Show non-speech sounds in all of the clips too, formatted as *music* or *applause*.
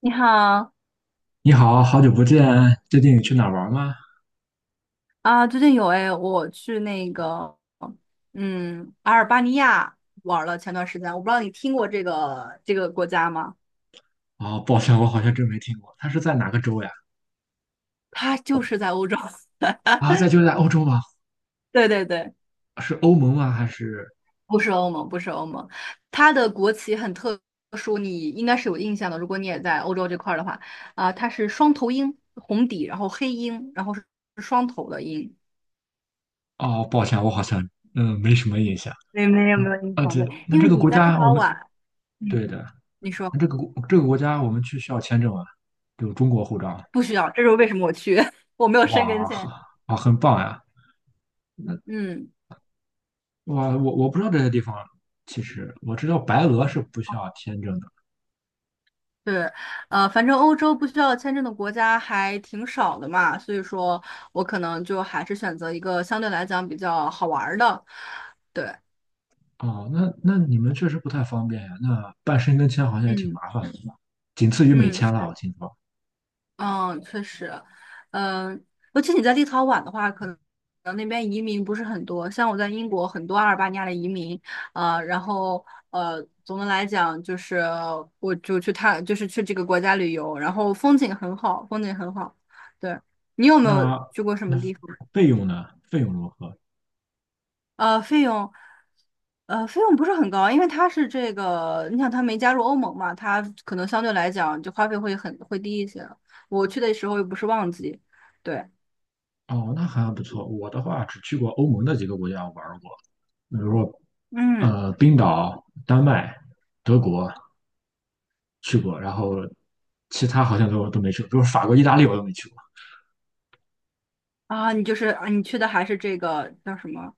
你好你好，好久不见，最近你去哪儿玩吗？啊，最近有哎，我去那个，阿尔巴尼亚玩了前段时间，我不知道你听过这个国家吗？哦，抱歉，我好像真没听过，它是在哪个州呀？它就是在欧洲，啊，在就在欧洲吗？*laughs* 对对对，是欧盟吗？还是……不是欧盟，不是欧盟，它的国旗很特殊，你应该是有印象的，如果你也在欧洲这块儿的话，啊，它是双头鹰，红底，然后黑鹰，然后是双头的鹰。哦，抱歉，我好像没什么印象。对，没有没嗯，有印而象且的对，那因这为个你国在立家我陶们，宛，嗯，对的。你说那这个国家我们去需要签证啊，有中国护照。不需要，这是为什么我去，*laughs* 我没有申根哇，签。啊，很棒呀！那嗯，我不知道这些地方，其实我知道白俄是不需要签证的。对，反正欧洲不需要签证的国家还挺少的嘛，所以说我可能就还是选择一个相对来讲比较好玩儿的。对，哦，那那你们确实不太方便呀。那办申根签好像也挺嗯麻烦的，是吧？仅次于美嗯，签是了，我听说。嗯，确实，嗯，尤其你在立陶宛的话，可能那边移民不是很多。像我在英国，很多阿尔巴尼亚的移民，啊，然后总的来讲就是，我就去探，就是去这个国家旅游，然后风景很好，风景很好。对，你有没有那去过什么那地方？费用呢？费用如何？呃，费用，费用不是很高，因为它是这个，你想它没加入欧盟嘛，它可能相对来讲就花费会低一些。我去的时候又不是旺季，对。哦，那还不错。我的话只去过欧盟的几个国家玩儿过，比如说嗯冰岛、丹麦、德国去过，然后其他好像都没去过，比如法国、意大利我都没去过。你就是啊，你去的还是这个叫什么？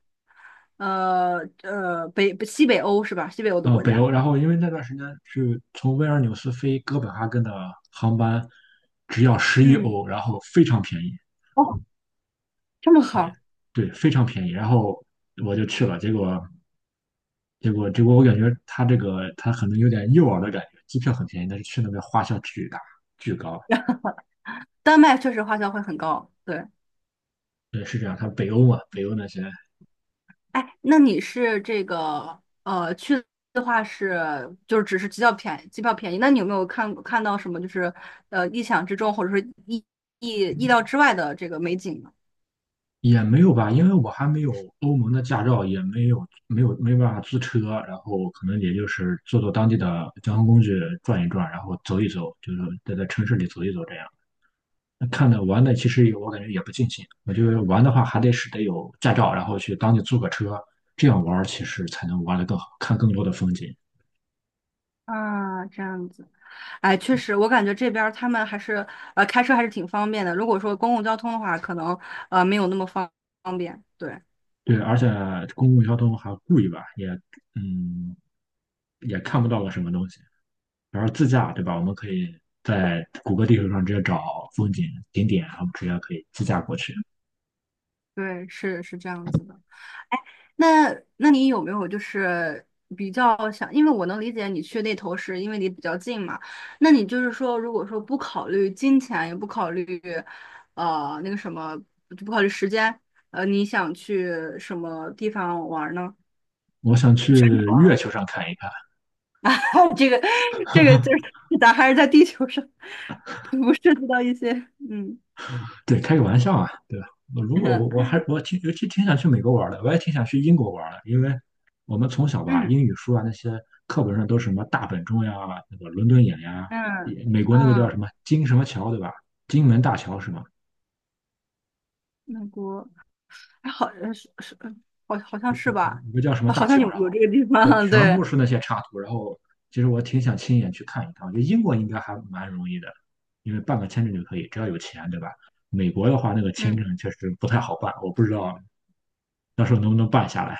西北欧是吧？西北欧的国北家。欧。然后因为那段时间是从维尔纽斯飞哥本哈根的航班只要十一嗯，欧，然后非常便宜。哦，这么对，好，对，非常便宜。然后我就去了，结果我感觉他这个他可能有点诱饵的感觉，机票很便宜，但是去那边花销巨高。丹麦确实花销会很高。对，对，是这样。他北欧嘛，北欧那些哎，那你是这个去的话是就是只是机票便宜，机票便宜。那你有没有看到什么就是意想之中或者说意意料之外的这个美景呢？也没有吧，因为我还没有欧盟的驾照，也没有,没办法租车，然后可能也就是坐坐当地的交通工具转一转，然后走一走，就是在城市里走一走这样。那看的玩的其实也我感觉也不尽兴。我觉得玩的话还得是得有驾照，然后去当地租个车，这样玩儿其实才能玩得更好，看更多的风景。啊，这样子，哎，确实，我感觉这边儿他们还是开车还是挺方便的。如果说公共交通的话，可能没有那么方便。对对，而且公共交通还贵吧，嗯也看不到个什么东西。然后自驾对吧？我们可以在谷歌地图上直接找景点，然后直接可以自驾过去。对，是这样子的。哎，那那你有没有就是比较想，因为我能理解你去那头是因为离比较近嘛，那你就是说，如果说不考虑金钱，也不考虑那个什么，就不考虑时间，你想去什么地方玩儿呢？我想去全球啊 月球上看一看。*laughs* 这个这个就是咱还是在地球上，不涉及到一些嗯 对，开个玩笑啊，对吧？我如果我我 *laughs* 还我挺尤其挺想去美国玩的，我也挺想去英国玩的。因为我们从小吧，嗯英语书啊那些课本上都是什么大本钟呀、那个伦敦眼呀，嗯也美国那个叫什嗯，么金什么桥对吧？金门大桥是吗？美国哎好是好像有有是吧？有个叫什么好大像桥，然有后这个地就方，*laughs* 全对，部是那些插图，然后其实我挺想亲眼去看一看。我觉得英国应该还蛮容易的，因为办个签证就可以，只要有钱对吧？美国的话，那个嗯 签证确实不太好办，我不知道到时候能不能办下来。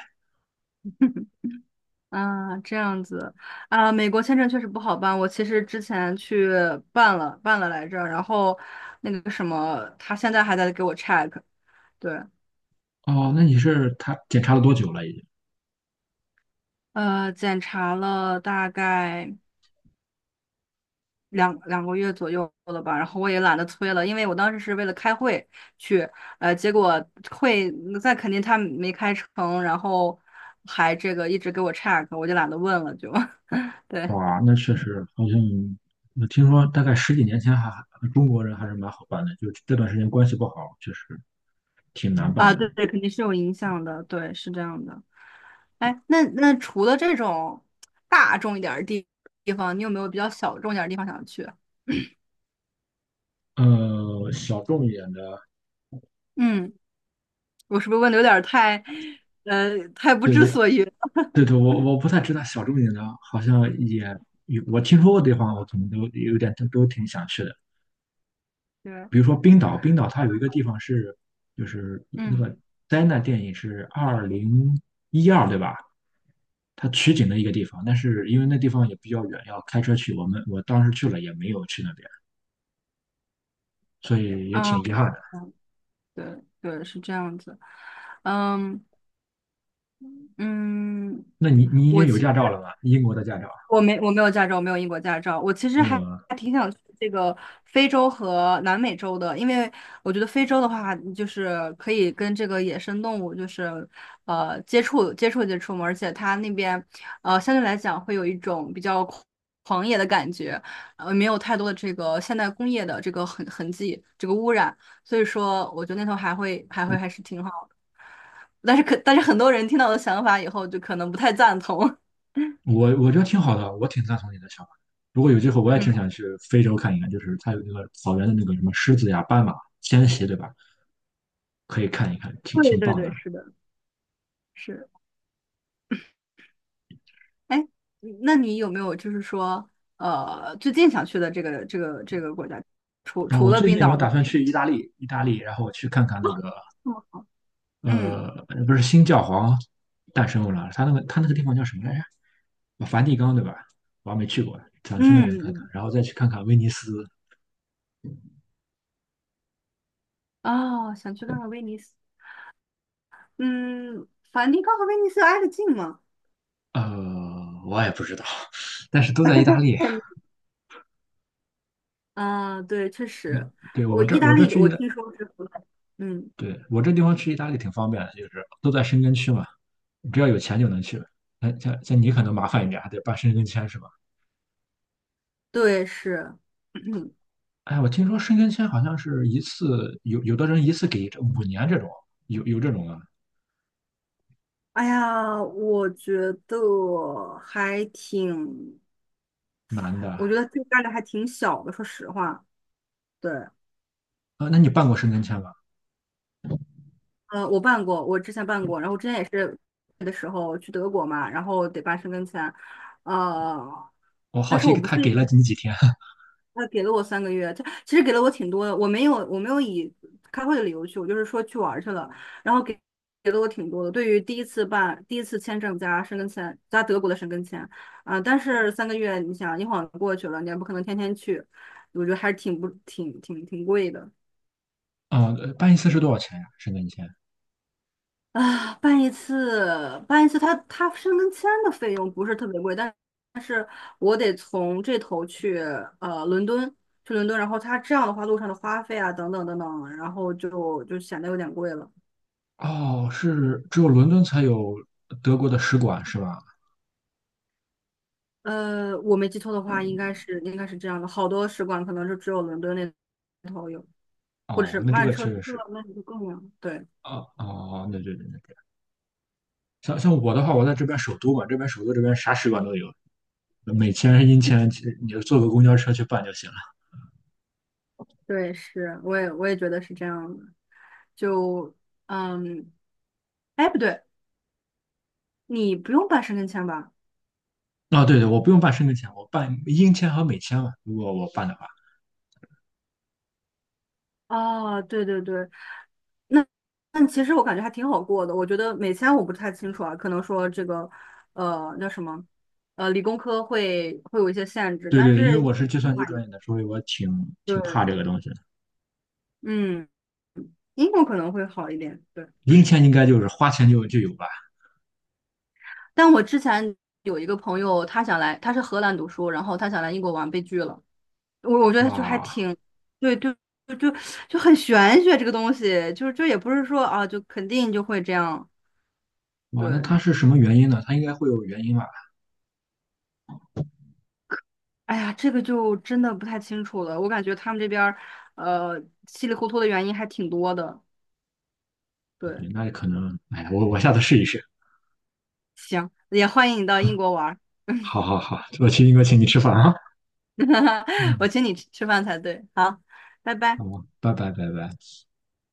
*laughs* 啊这样子啊，美国签证确实不好办。我其实之前去办了来着，然后那个什么，他现在还在给我 check,对，哦，那你是他检查了多久了？已经？检查了大概。两个月左右了吧，然后我也懒得催了，因为我当时是为了开会去，结果会在肯定他没开成，然后还这个一直给我 check,我就懒得问了就 *laughs*，对哇，那确实好像我听说大概十几年前中国人还是蛮好办的，就这段时间关系不好，确实挺难办啊，的。对对，肯定是有影响的，对，是这样的。哎，那除了这种大众一点儿的方，你有没有比较小众一点儿的地方想去？小众一点的。嗯，我是不是问的有点儿太不对，知对，所云了？对，对，我不太知道小众一点的，好像也有我听说过的地方，我可能都有点，都挺想去的。对，比如说冰岛,它有一个地方是，就是那嗯，个灾难电影是2012，对吧？它取景的一个地方，但是因为那地方也比较远，要开车去。我当时去了也没有去那边，所以也挺啊。遗憾的。对对，是这样子。嗯嗯，那你已我经有其驾照实了吗？英国的驾照我没我没有驾照，我没有英国驾照。我其实没有还啊？还挺想去这个非洲和南美洲的，因为我觉得非洲的话，就是可以跟这个野生动物就是接触接触嘛，而且它那边相对来讲会有一种比较野的感觉，没有太多的这个现代工业的这个迹，这个污染，所以说我觉得那头还是挺好。但是很多人听到我的想法以后，就可能不太赞同。*laughs* 我觉得挺好的，我挺赞同你的想法。如果有机会，我也嗯，挺想去非洲看一看，就是它有那个草原的那个什么狮子呀、斑马迁徙，对吧？可以看一看，挺对挺对棒对，的。是的，是。哎，那你有没有就是说，最近想去的这个国家，除然后除我了最冰近我岛，打算去意大利，意大利，然后我去看看那个嗯嗯不是新教皇诞生了，他那个地方叫什么来着？啊，梵蒂冈对吧？我还没去过，想去那边看看，嗯，然后再去看看威尼斯。哦，想去看看威尼斯。嗯，梵蒂冈和威尼斯挨得近吗？呃，我也不知道，但是都在意大利。嗯，啊对，确实，嗯，对，我我这意大我这利去意我大，听说是不赖，嗯，对，我这地方去意大利挺方便的，就是都在申根区嘛，只要有钱就能去。那像你可能麻烦一点啊，还得办申根签是吧？对，是。*clears throat* 哎，我听说申根签好像是一次，有的人一次给这5年这种，有这种啊，哎呀，男的我觉啊。得这个概率还挺小的，说实话。对，那你办过申根签吗？我之前办过，然后我之前也是的时候去德国嘛，然后得办申根签，呃，我好但是奇我不是。他给了你几天。 他给了我三个月，他其实给了我挺多的，我没有以开会的理由去，我就是说去玩儿去了，然后给了我挺多的。对于第一次签证加申根签加德国的申根签啊、但是三个月，你想一晃过去了，你也不可能天天去，我觉得还是挺不挺挺挺贵的。*laughs* 啊？办一次是多少钱呀、申根签？啊，办一次，它申根签的费用不是特别贵，但是我得从这头去伦敦，去伦敦，然后它这样的话，路上的花费啊，等等等等，然后就显得有点贵了。哦，是只有伦敦才有德国的使馆是吧？我没记错的话，应该是这样的，好多使馆可能是只有伦敦那头有，或者是哦，那这曼个彻确实斯特，是。那里就更远。对啊哦，那对，对，对，对，像我的话，我在这边首都嘛，这边首都这边啥使馆都有，美签、英签，其实你就坐个公交车去办就行了。对，是，我也觉得是这样的。就嗯，哎，不对，你不用办申根签吧？啊，对，对，我不用办申根签，我办英签和美签嘛，如果我办的话。哦，对对对，那那其实我感觉还挺好过的。我觉得美签我不太清楚啊，可能说这个，那什么，理工科会有一些限制，对，但对，因为是英我是计国算的机话专业的，所以我挺怕这对，个东西的。嗯，英国可能会好一点。对，零钱应该就是花钱就有吧？但我之前有一个朋友，他想来，他是荷兰读书，然后他想来英国玩，被拒了。我觉得就还哇，挺，对对就就就很玄学这个东西，就是也不是说啊，就肯定就会这样。哇，那对，它是什么原因呢？它应该会有原因吧？哎呀，这个就真的不太清楚了。我感觉他们这边儿，稀里糊涂的原因还挺多的。对，对，那可能，哎呀，我下次试一试。行，也欢迎你到英 *laughs* 国玩儿，好，好，好，我请你吃饭啊。*laughs* 我嗯，请你吃饭才对。好，拜拜。好，拜拜，拜拜。